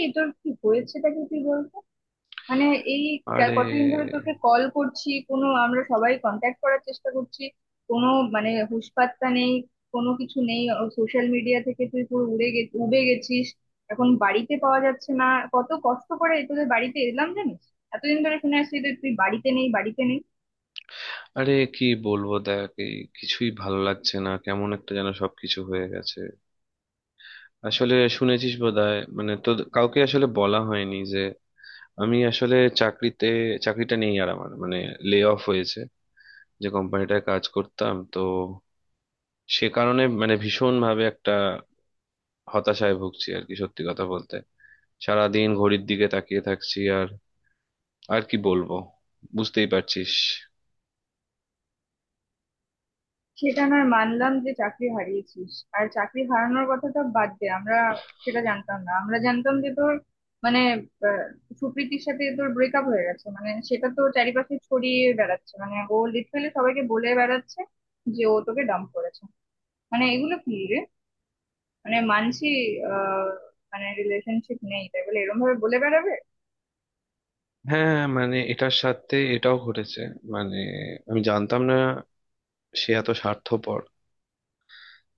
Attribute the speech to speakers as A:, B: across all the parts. A: এই, তোর কি হয়েছেটা কি? তুই বলতো। মানে, এই
B: আরে
A: কতদিন ধরে তোকে কল করছি, কোনো, আমরা সবাই কন্ট্যাক্ট করার চেষ্টা করছি, কোনো মানে হুঁশ পাত্তা নেই, কোনো কিছু নেই। সোশ্যাল মিডিয়া থেকে তুই পুরো উড়ে গে উবে গেছিস, এখন বাড়িতে পাওয়া যাচ্ছে না। কত কষ্ট করে তোদের বাড়িতে এলাম জানিস। এতদিন ধরে শুনে আসছি যে তুই বাড়িতে নেই, বাড়িতে নেই।
B: আরে কি বলবো? দেখ, এই কিছুই ভালো লাগছে না, কেমন একটা যেন সবকিছু হয়ে গেছে। আসলে শুনেছিস বোধহয়, মানে তো কাউকে আসলে বলা হয়নি যে আমি আসলে চাকরিতে চাকরিটা নেই আর, আমার মানে লে অফ হয়েছে, যে কোম্পানিটায় কাজ করতাম তো। সে কারণে মানে ভীষণ ভাবে একটা হতাশায় ভুগছি আর কি, সত্যি কথা বলতে। সারাদিন ঘড়ির দিকে তাকিয়ে থাকছি, আর আর কি বলবো, বুঝতেই পারছিস।
A: সেটা নয়, মানলাম যে চাকরি হারিয়েছিস। আর চাকরি হারানোর কথাটা বাদ দে, আমরা সেটা জানতাম না। আমরা জানতাম যে তোর মানে আহ, সুপ্রীতির সাথে তোর ব্রেকআপ হয়ে গেছে, মানে সেটা তো চারিপাশে ছড়িয়ে বেড়াচ্ছে, মানে ও লিটারালি সবাইকে বলে বেড়াচ্ছে যে ও তোকে ডাম্প করেছে। মানে এগুলো কি রে! মানে মানছি আহ মানে রিলেশনশিপ নেই, তাই বলে এরকম ভাবে বলে বেড়াবে!
B: হ্যাঁ হ্যাঁ, মানে এটার সাথে এটাও ঘটেছে। মানে আমি জানতাম না সে এত স্বার্থপর,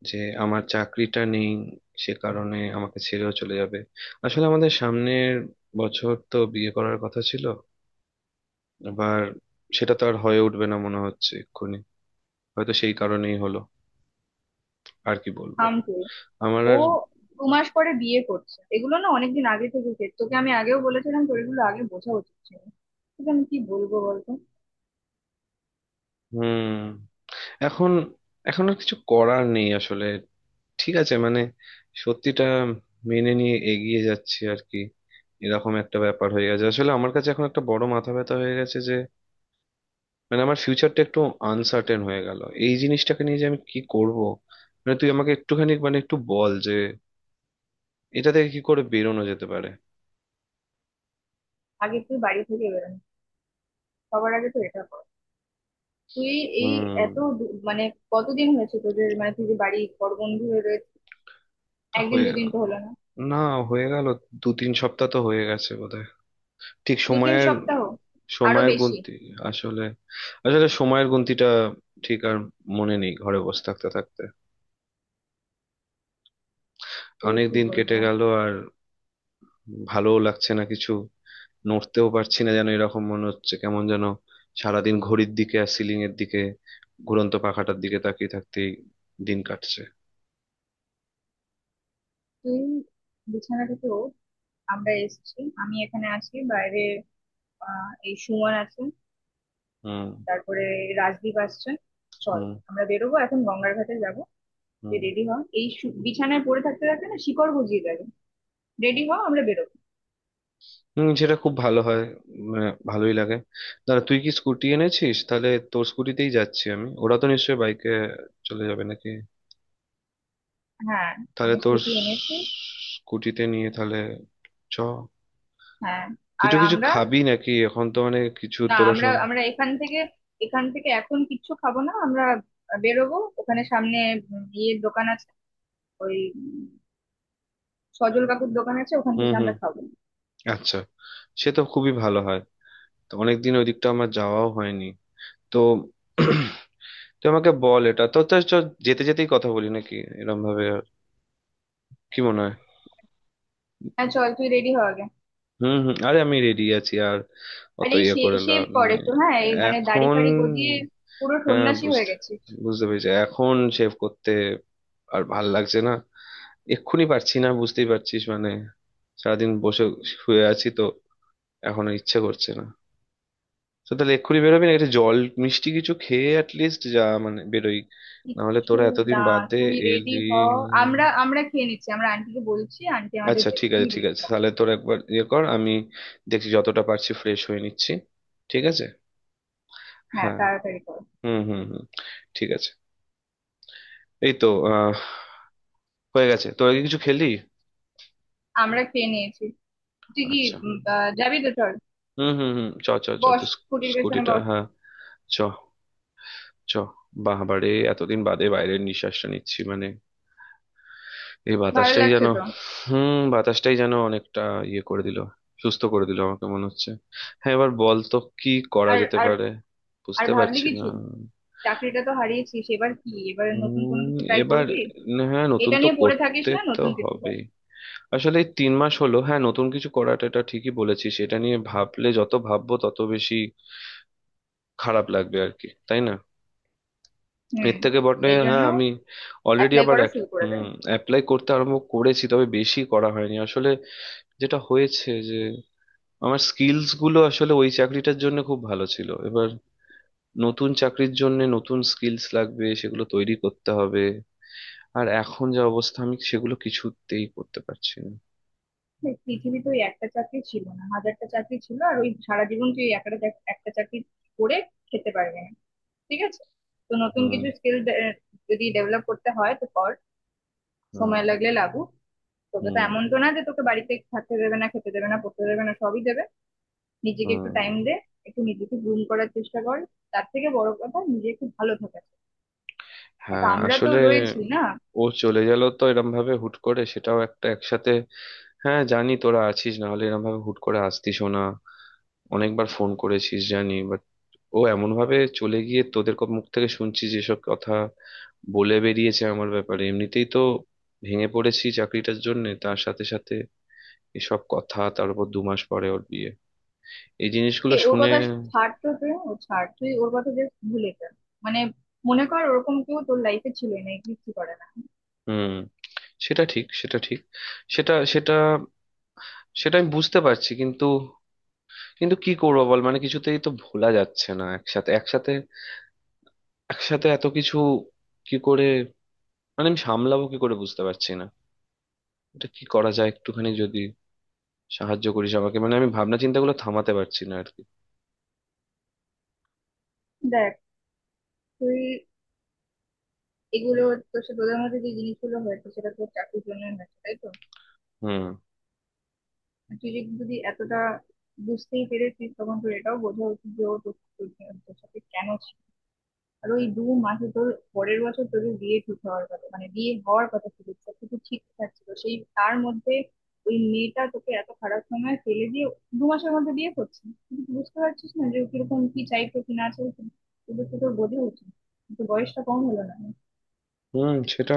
B: যে আমার চাকরিটা নেই সে কারণে আমাকে ছেড়েও চলে যাবে। আসলে আমাদের সামনের বছর তো বিয়ে করার কথা ছিল, এবার সেটা তো আর হয়ে উঠবে না মনে হচ্ছে এক্ষুনি। হয়তো সেই কারণেই হলো, আর কি বলবো।
A: থাম তুই।
B: আমার
A: ও
B: আর
A: দু মাস পরে বিয়ে করছে, এগুলো না অনেকদিন আগে থেকে হচ্ছে। তোকে আমি আগেও বলেছিলাম, তোর এগুলো আগে বোঝা উচিত ছিল। তোকে আমি কি বলবো বলতো।
B: হুম, এখন এখন আর কিছু করার নেই আসলে। ঠিক আছে, মানে সত্যিটা মেনে নিয়ে এগিয়ে যাচ্ছি আর কি। এরকম একটা ব্যাপার হয়ে গেছে, আসলে আমার কাছে এখন একটা বড় মাথা ব্যথা হয়ে গেছে যে, মানে আমার ফিউচারটা একটু আনসার্টেন হয়ে গেল। এই জিনিসটাকে নিয়ে যে আমি কি করব, মানে তুই আমাকে একটুখানি মানে একটু বল যে এটা থেকে কি করে বেরোনো যেতে পারে।
A: আগে তুই বাড়ি থেকে বেরোনো, সবার আগে তো এটা কর তুই। এই,
B: হুম।
A: মানে কতদিন হয়েছে তোদের, মানে তুই যে বাড়ি পর বন্ধু হয়ে একদিন
B: হয়ে গেল
A: দুদিন তো হলো না।
B: না হয়ে গেল, দু তিন সপ্তাহ তো হয়ে গেছে বোধহয়। ঠিক
A: দু তিন
B: সময়ের,
A: সপ্তাহ, আরো
B: সময়ের
A: বেশি।
B: গুনতি, আসলে, আসলে সময়ের গুনতিটা ঠিক আর মনে নেই, ঘরে বসে থাকতে থাকতে
A: তোকে
B: অনেক
A: কি
B: দিন কেটে
A: বলবো!
B: গেল। আর ভালোও লাগছে না কিছু, নড়তেও পারছি না যেন, এরকম মনে হচ্ছে কেমন যেন। সারাদিন ঘড়ির দিকে আর সিলিং এর দিকে, ঘুরন্ত পাখাটার দিকে তাকিয়ে থাকতেই দিন কাটছে।
A: তুই বিছানা থেকে ওঠ, আমরা এসেছি, আমি এখানে আছি বাইরে। আহ, এই সুমন আছে,
B: হুম।
A: তারপরে রাজদীপ আসছে। চল,
B: হুম।
A: আমরা বেরোবো এখন, গঙ্গার ঘাটে যাবো। তুই
B: হুম।
A: রেডি হ। এই বিছানায় পড়ে থাকতে থাকতে না শিকড় গজিয়ে যাবে। রেডি হ, আমরা বেরোবো।
B: হুম, সেটা খুব ভালো হয়, মানে ভালোই লাগে। দাঁড়া, তুই কি স্কুটি এনেছিস? তাহলে তোর স্কুটিতেই যাচ্ছি আমি, ওরা তো নিশ্চয়ই বাইকে চলে যাবে নাকি।
A: হ্যাঁ।
B: তাহলে
A: আমি
B: তোর
A: স্কুটি এনেছি।
B: স্কুটিতে নিয়ে তাহলে চ।
A: হ্যাঁ।
B: তুই
A: আর
B: তো কিছু
A: আমরা,
B: খাবি নাকি এখন, তো মানে কিছু
A: না
B: তোরা
A: আমরা,
B: সব?
A: এখান থেকে, এখন কিচ্ছু খাবো না আমরা। বেরোবো, ওখানে সামনে ইয়ের দোকান আছে, ওই সজল কাকুর দোকান আছে, ওখান
B: হুম
A: থেকে
B: হুম,
A: আমরা খাবো।
B: আচ্ছা। সে তো খুবই ভালো হয়, তো অনেকদিন ওই দিকটা আমার যাওয়াও হয়নি তো। তুই আমাকে বল, এটা তো তো চ, যেতে যেতেই কথা বলি নাকি এরম ভাবে, আর কি মনে হয়।
A: হ্যাঁ চল, তুই রেডি হ আগে।
B: হুম হুম, আরে আমি রেডি আছি আর,
A: আর
B: অত
A: এই,
B: ইয়ে করে
A: শেভ
B: লাভ
A: কর
B: নেই।
A: একটু হ্যাঁ, এই মানে দাড়ি
B: এখন
A: ফাড়ি গজিয়ে পুরো
B: হ্যাঁ,
A: সন্ন্যাসী হয়ে
B: বুঝতে
A: গেছিস।
B: বুঝতে পেরেছি। এখন সেভ করতে আর ভাল লাগছে না, এক্ষুনি পারছি না, বুঝতেই পারছিস মানে, সারাদিন বসে শুয়ে আছি তো, এখন আর ইচ্ছে করছে না। তো তাহলে এক্ষুনি বেরোবি না, একটা জল মিষ্টি কিছু খেয়ে অ্যাটলিস্ট যা, মানে বেরোই। না হলে
A: কিচ্ছু
B: তোরা এতদিন
A: না,
B: বাদে
A: তুই রেডি
B: এলি।
A: হ। আমরা, খেয়ে নিচ্ছি, আমরা আন্টিকে বলছি, আন্টি আমাদের
B: আচ্ছা
A: দেবে,
B: ঠিক আছে,
A: তুই
B: ঠিক
A: রেডি
B: আছে,
A: হ।
B: তাহলে তোরা একবার ইয়ে কর, আমি দেখছি, যতটা পারছি ফ্রেশ হয়ে নিচ্ছি। ঠিক আছে।
A: হ্যাঁ,
B: হ্যাঁ,
A: তাড়াতাড়ি কর।
B: হুম হুম হুম, ঠিক আছে। এই তো, আহ, হয়ে গেছে। তোরা কি কিছু খেলি?
A: আমরা খেয়ে নিয়েছি। তুই কি
B: আচ্ছা।
A: যাবি তো চল।
B: হুম হুম হুম, চ চ চ,
A: বস,
B: তো
A: স্কুটির পেছনে
B: স্কুটিটা
A: বস।
B: হ্যাঁ, চ, চ। বাহ বাড়ে, এতদিন বাদে বাইরের নিঃশ্বাসটা নিচ্ছি, মানে এই
A: ভালো
B: বাতাসটাই
A: লাগছে
B: যেন।
A: তো।
B: হুম, বাতাসটাই যেন অনেকটা ইয়ে করে দিল, সুস্থ করে দিল আমাকে মনে হচ্ছে। হ্যাঁ এবার বল তো কি করা
A: আর
B: যেতে
A: আর
B: পারে,
A: আর
B: বুঝতে
A: ভাবলি
B: পারছি না।
A: কিছু? চাকরিটা তো হারিয়েছিস, এবার কি, এবার নতুন কোনো
B: উম
A: কিছু ট্রাই
B: এবার
A: করবি?
B: হ্যাঁ, নতুন
A: এটা
B: তো
A: নিয়ে পড়ে থাকিস
B: করতে
A: না,
B: তো
A: নতুন কিছু
B: হবে।
A: কর।
B: আসলে এই তিন মাস হলো, হ্যাঁ নতুন কিছু করাটা, এটা ঠিকই বলেছিস, এটা নিয়ে ভাবলে যত ভাববো তত বেশি খারাপ লাগবে আর কি, তাই না।
A: হুম।
B: এর থেকে বটে
A: এই জন্য
B: হ্যাঁ, আমি অলরেডি
A: অ্যাপ্লাই
B: আবার
A: করা শুরু করে
B: হুম,
A: দেয়।
B: অ্যাপ্লাই করতে আরম্ভ করেছি, তবে বেশি করা হয়নি আসলে। যেটা হয়েছে যে আমার স্কিলস গুলো আসলে ওই চাকরিটার জন্য খুব ভালো ছিল, এবার নতুন চাকরির জন্য নতুন স্কিলস লাগবে, সেগুলো তৈরি করতে হবে। আর এখন যা অবস্থা, আমি সেগুলো কিছুতেই করতে পারছি না।
A: পৃথিবী তো ওই একটা চাকরি ছিল না, হাজারটা চাকরি ছিল। আর ওই সারা জীবন তুই ওই একটা একটা চাকরি করে খেতে পারবি না, ঠিক আছে? তো নতুন
B: হুম।
A: কিছু স্কিল যদি ডেভেলপ করতে হয় তো কর,
B: হুম।
A: সময় লাগলে লাগুক। তোকে তো
B: হুম।
A: এমন তো না যে তোকে বাড়িতে থাকতে দেবে না, খেতে দেবে না, পড়তে দেবে না, সবই দেবে। নিজেকে একটু
B: হুম।
A: টাইম দে, একটু নিজেকে গ্রুম করার চেষ্টা কর। তার থেকে বড় কথা, নিজে একটু ভালো থাকা। দেখ
B: হ্যাঁ
A: আমরা তো
B: আসলে,
A: রয়েছি না।
B: ও চলে গেল তো এরম ভাবে হুট করে, সেটাও একটা একসাথে। হ্যাঁ জানি, তোরা আছিস, না হলে এরম ভাবে হুট করে আসতিসও না। অনেকবার ফোন করেছিস জানি, বাট ও এমন ভাবে চলে গিয়ে, তোদের মুখ থেকে শুনছি যেসব কথা বলে বেরিয়েছে আমার ব্যাপারে, এমনিতেই তো ভেঙে পড়েছি চাকরিটার জন্য, তার সাথে সাথে এসব কথা, তার উপর দু মাস পরে ওর বিয়ে, এই জিনিসগুলো
A: এ ওর
B: শুনে।
A: কথা ছাড় তো তুই, ও ছাড় তুই, ওর কথা জাস্ট ভুলে যা। মানে মনে কর ওরকম কেউ তোর লাইফে ছিল না, এক্সিস্টই করে না।
B: হুম। সেটা ঠিক, সেটা ঠিক। সেটা সেটা সেটা আমি বুঝতে পারছি, কিন্তু কিন্তু কি করবো বল, মানে কিছুতেই তো ভোলা যাচ্ছে না। একসাথে একসাথে একসাথে এত কিছু কি করে, মানে আমি সামলাবো কি করে বুঝতে পারছি না। এটা কি করা যায় একটুখানি, যদি সাহায্য করিস আমাকে, মানে আমি ভাবনা চিন্তাগুলো থামাতে পারছি না আর কি।
A: দেখ, তুই এগুলো, তোর সাথে তোদের মধ্যে যে জিনিসগুলো হয়েছে সেটা তোর চাকরির জন্য হয়েছে, তাই তো?
B: হুম।
A: আর তুই যদি যদি এতটা বুঝতেই পেরেছিস, তখন তোর এটাও বোঝা উচিত যে ও তোর, তোর সাথে কেন ছিল। আর ওই দু মাসে তোর পরের বছর তোদের বিয়ে ঠিক হওয়ার কথা, মানে বিয়ে হওয়ার কথা ছিল, সবকিছু ঠিকঠাক ছিল, সেই তার মধ্যে ওই মেয়েটা তোকে এত খারাপ সময় ফেলে দিয়ে দু মাসের মধ্যে বিয়ে করছে। তুই কি বুঝতে পারছিস না যে ও কিরকম, কি চাইতো কি না চাইতো। তোদের তো তোর বোঝা উচিত, কিন্তু বয়সটা কম হলো না।
B: হুম সেটা,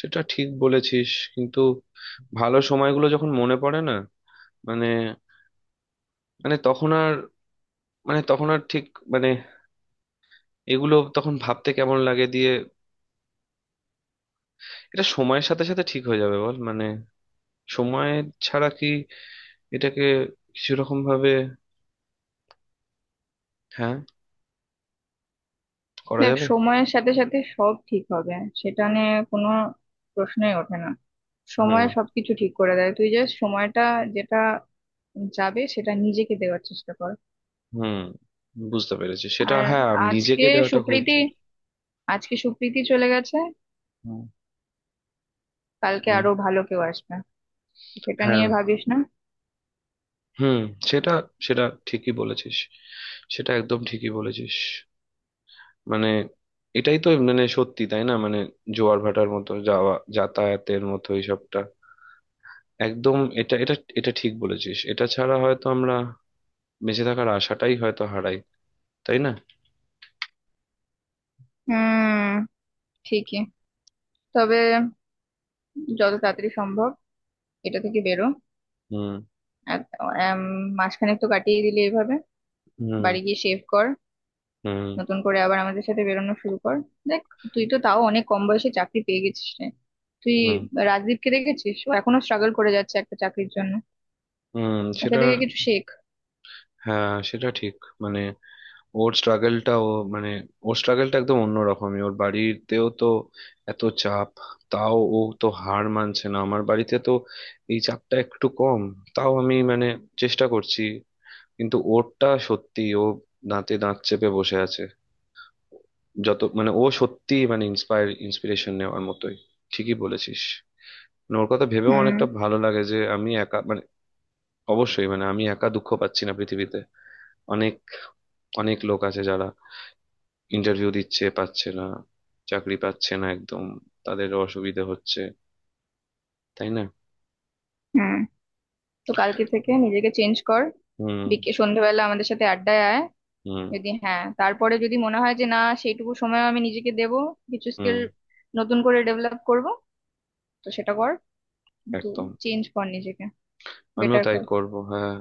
B: সেটা ঠিক বলেছিস, কিন্তু ভালো সময়গুলো যখন মনে পড়ে না, মানে, মানে তখন আর, মানে তখন আর ঠিক, মানে এগুলো তখন ভাবতে কেমন লাগে, দিয়ে এটা সময়ের সাথে সাথে ঠিক হয়ে যাবে বল, মানে সময় ছাড়া কি এটাকে কিছু রকম ভাবে, হ্যাঁ, করা
A: দেখ,
B: যাবে।
A: সময়ের সাথে সাথে সব ঠিক হবে, সেটা নিয়ে কোনো প্রশ্নই ওঠে না।
B: হুম,
A: সময় সবকিছু ঠিক করে দেয়, তুই জাস্ট সময়টা যেটা যাবে সেটা নিজেকে দেওয়ার চেষ্টা কর।
B: হুম, বুঝতে পেরেছি সেটা,
A: আর
B: হ্যাঁ।
A: আজকে
B: নিজেকে দেওয়াটা খুব
A: সুপ্রীতি
B: জোর।
A: আজকে সুপ্রীতি চলে গেছে,
B: হুম,
A: কালকে
B: হুম,
A: আরো ভালো কেউ আসবে, সেটা নিয়ে
B: হ্যাঁ,
A: ভাবিস না।
B: হুম, সেটা, সেটা ঠিকই বলেছিস, সেটা একদম ঠিকই বলেছিস। মানে এটাই তো, মানে সত্যি তাই না, মানে জোয়ার ভাটার মতো, যাওয়া যাতায়াতের মতো এইসবটা। একদম, এটা এটা এটা ঠিক বলেছিস, এটা ছাড়া হয়তো আমরা বেঁচে থাকার আশাটাই হয়তো হারাই, তাই না।
A: হুম, ঠিকই। তবে যত তাড়াতাড়ি সম্ভব এটা থেকে বেরো।
B: হুম।
A: এক- এম, মাসখানেক তো কাটিয়ে দিলি এভাবে।
B: হুম।
A: বাড়ি গিয়ে শেভ কর,
B: হুম।
A: নতুন করে আবার আমাদের সাথে বেরোনো শুরু কর। দেখ, তুই তো তাও অনেক কম বয়সে চাকরি পেয়ে গেছিস রে তুই।
B: হুম।
A: রাজদীপকে দেখেছিস, ও এখনো স্ট্রাগল করে যাচ্ছে একটা চাকরির জন্য।
B: হুম,
A: ওকে
B: সেটা,
A: দেখে কিছু শেখ।
B: হ্যাঁ সেটা ঠিক। মানে ওর স্ট্রাগলটা ও মানে, ওর স্ট্রাগলটা একদম অন্যরকমই, ওর বাড়িতেও তো এত চাপ, তাও ও তো হার মানছে না। আমার বাড়িতে তো এই চাপটা একটু কম, তাও আমি মানে চেষ্টা করছি, কিন্তু ওরটা সত্যি, ও দাঁতে দাঁত চেপে বসে আছে, যত মানে ও সত্যি মানে ইন্সপায়ার, ইন্সপিরেশন নেওয়ার মতোই। ঠিকই বলেছিস, মানে ওর কথা ভেবেও
A: হুম
B: অনেকটা ভালো লাগে যে আমি একা, মানে অবশ্যই, মানে আমি একা দুঃখ পাচ্ছি না। পৃথিবীতে অনেক অনেক লোক আছে যারা ইন্টারভিউ দিচ্ছে, পাচ্ছে না, চাকরি পাচ্ছে না একদম, তাদের অসুবিধা হচ্ছে, তাই না।
A: হুম। তো কালকে থেকে নিজেকে চেঞ্জ কর,
B: হুম।
A: বিকে সন্ধ্যেবেলা আমাদের সাথে আড্ডায় আয়।
B: হুম।
A: যদি, হ্যাঁ তারপরে যদি মনে হয় যে না সেইটুকু সময় আমি নিজেকে দেব, কিছু
B: হুম।
A: স্কিল নতুন করে ডেভেলপ করব, তো সেটা কর। কিন্তু
B: একদম,
A: চেঞ্জ কর নিজেকে,
B: আমিও
A: বেটার
B: তাই
A: কর।
B: করব, হ্যাঁ।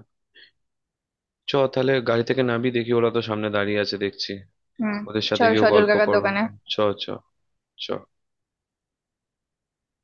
B: চ, তাহলে গাড়ি থেকে নামি, দেখি ওরা তো সামনে দাঁড়িয়ে আছে দেখছি,
A: হুম,
B: ওদের সাথে
A: চল
B: গিয়ে
A: সজল
B: গল্প
A: কাকার
B: করবো।
A: দোকানে।
B: চ, চ, চ।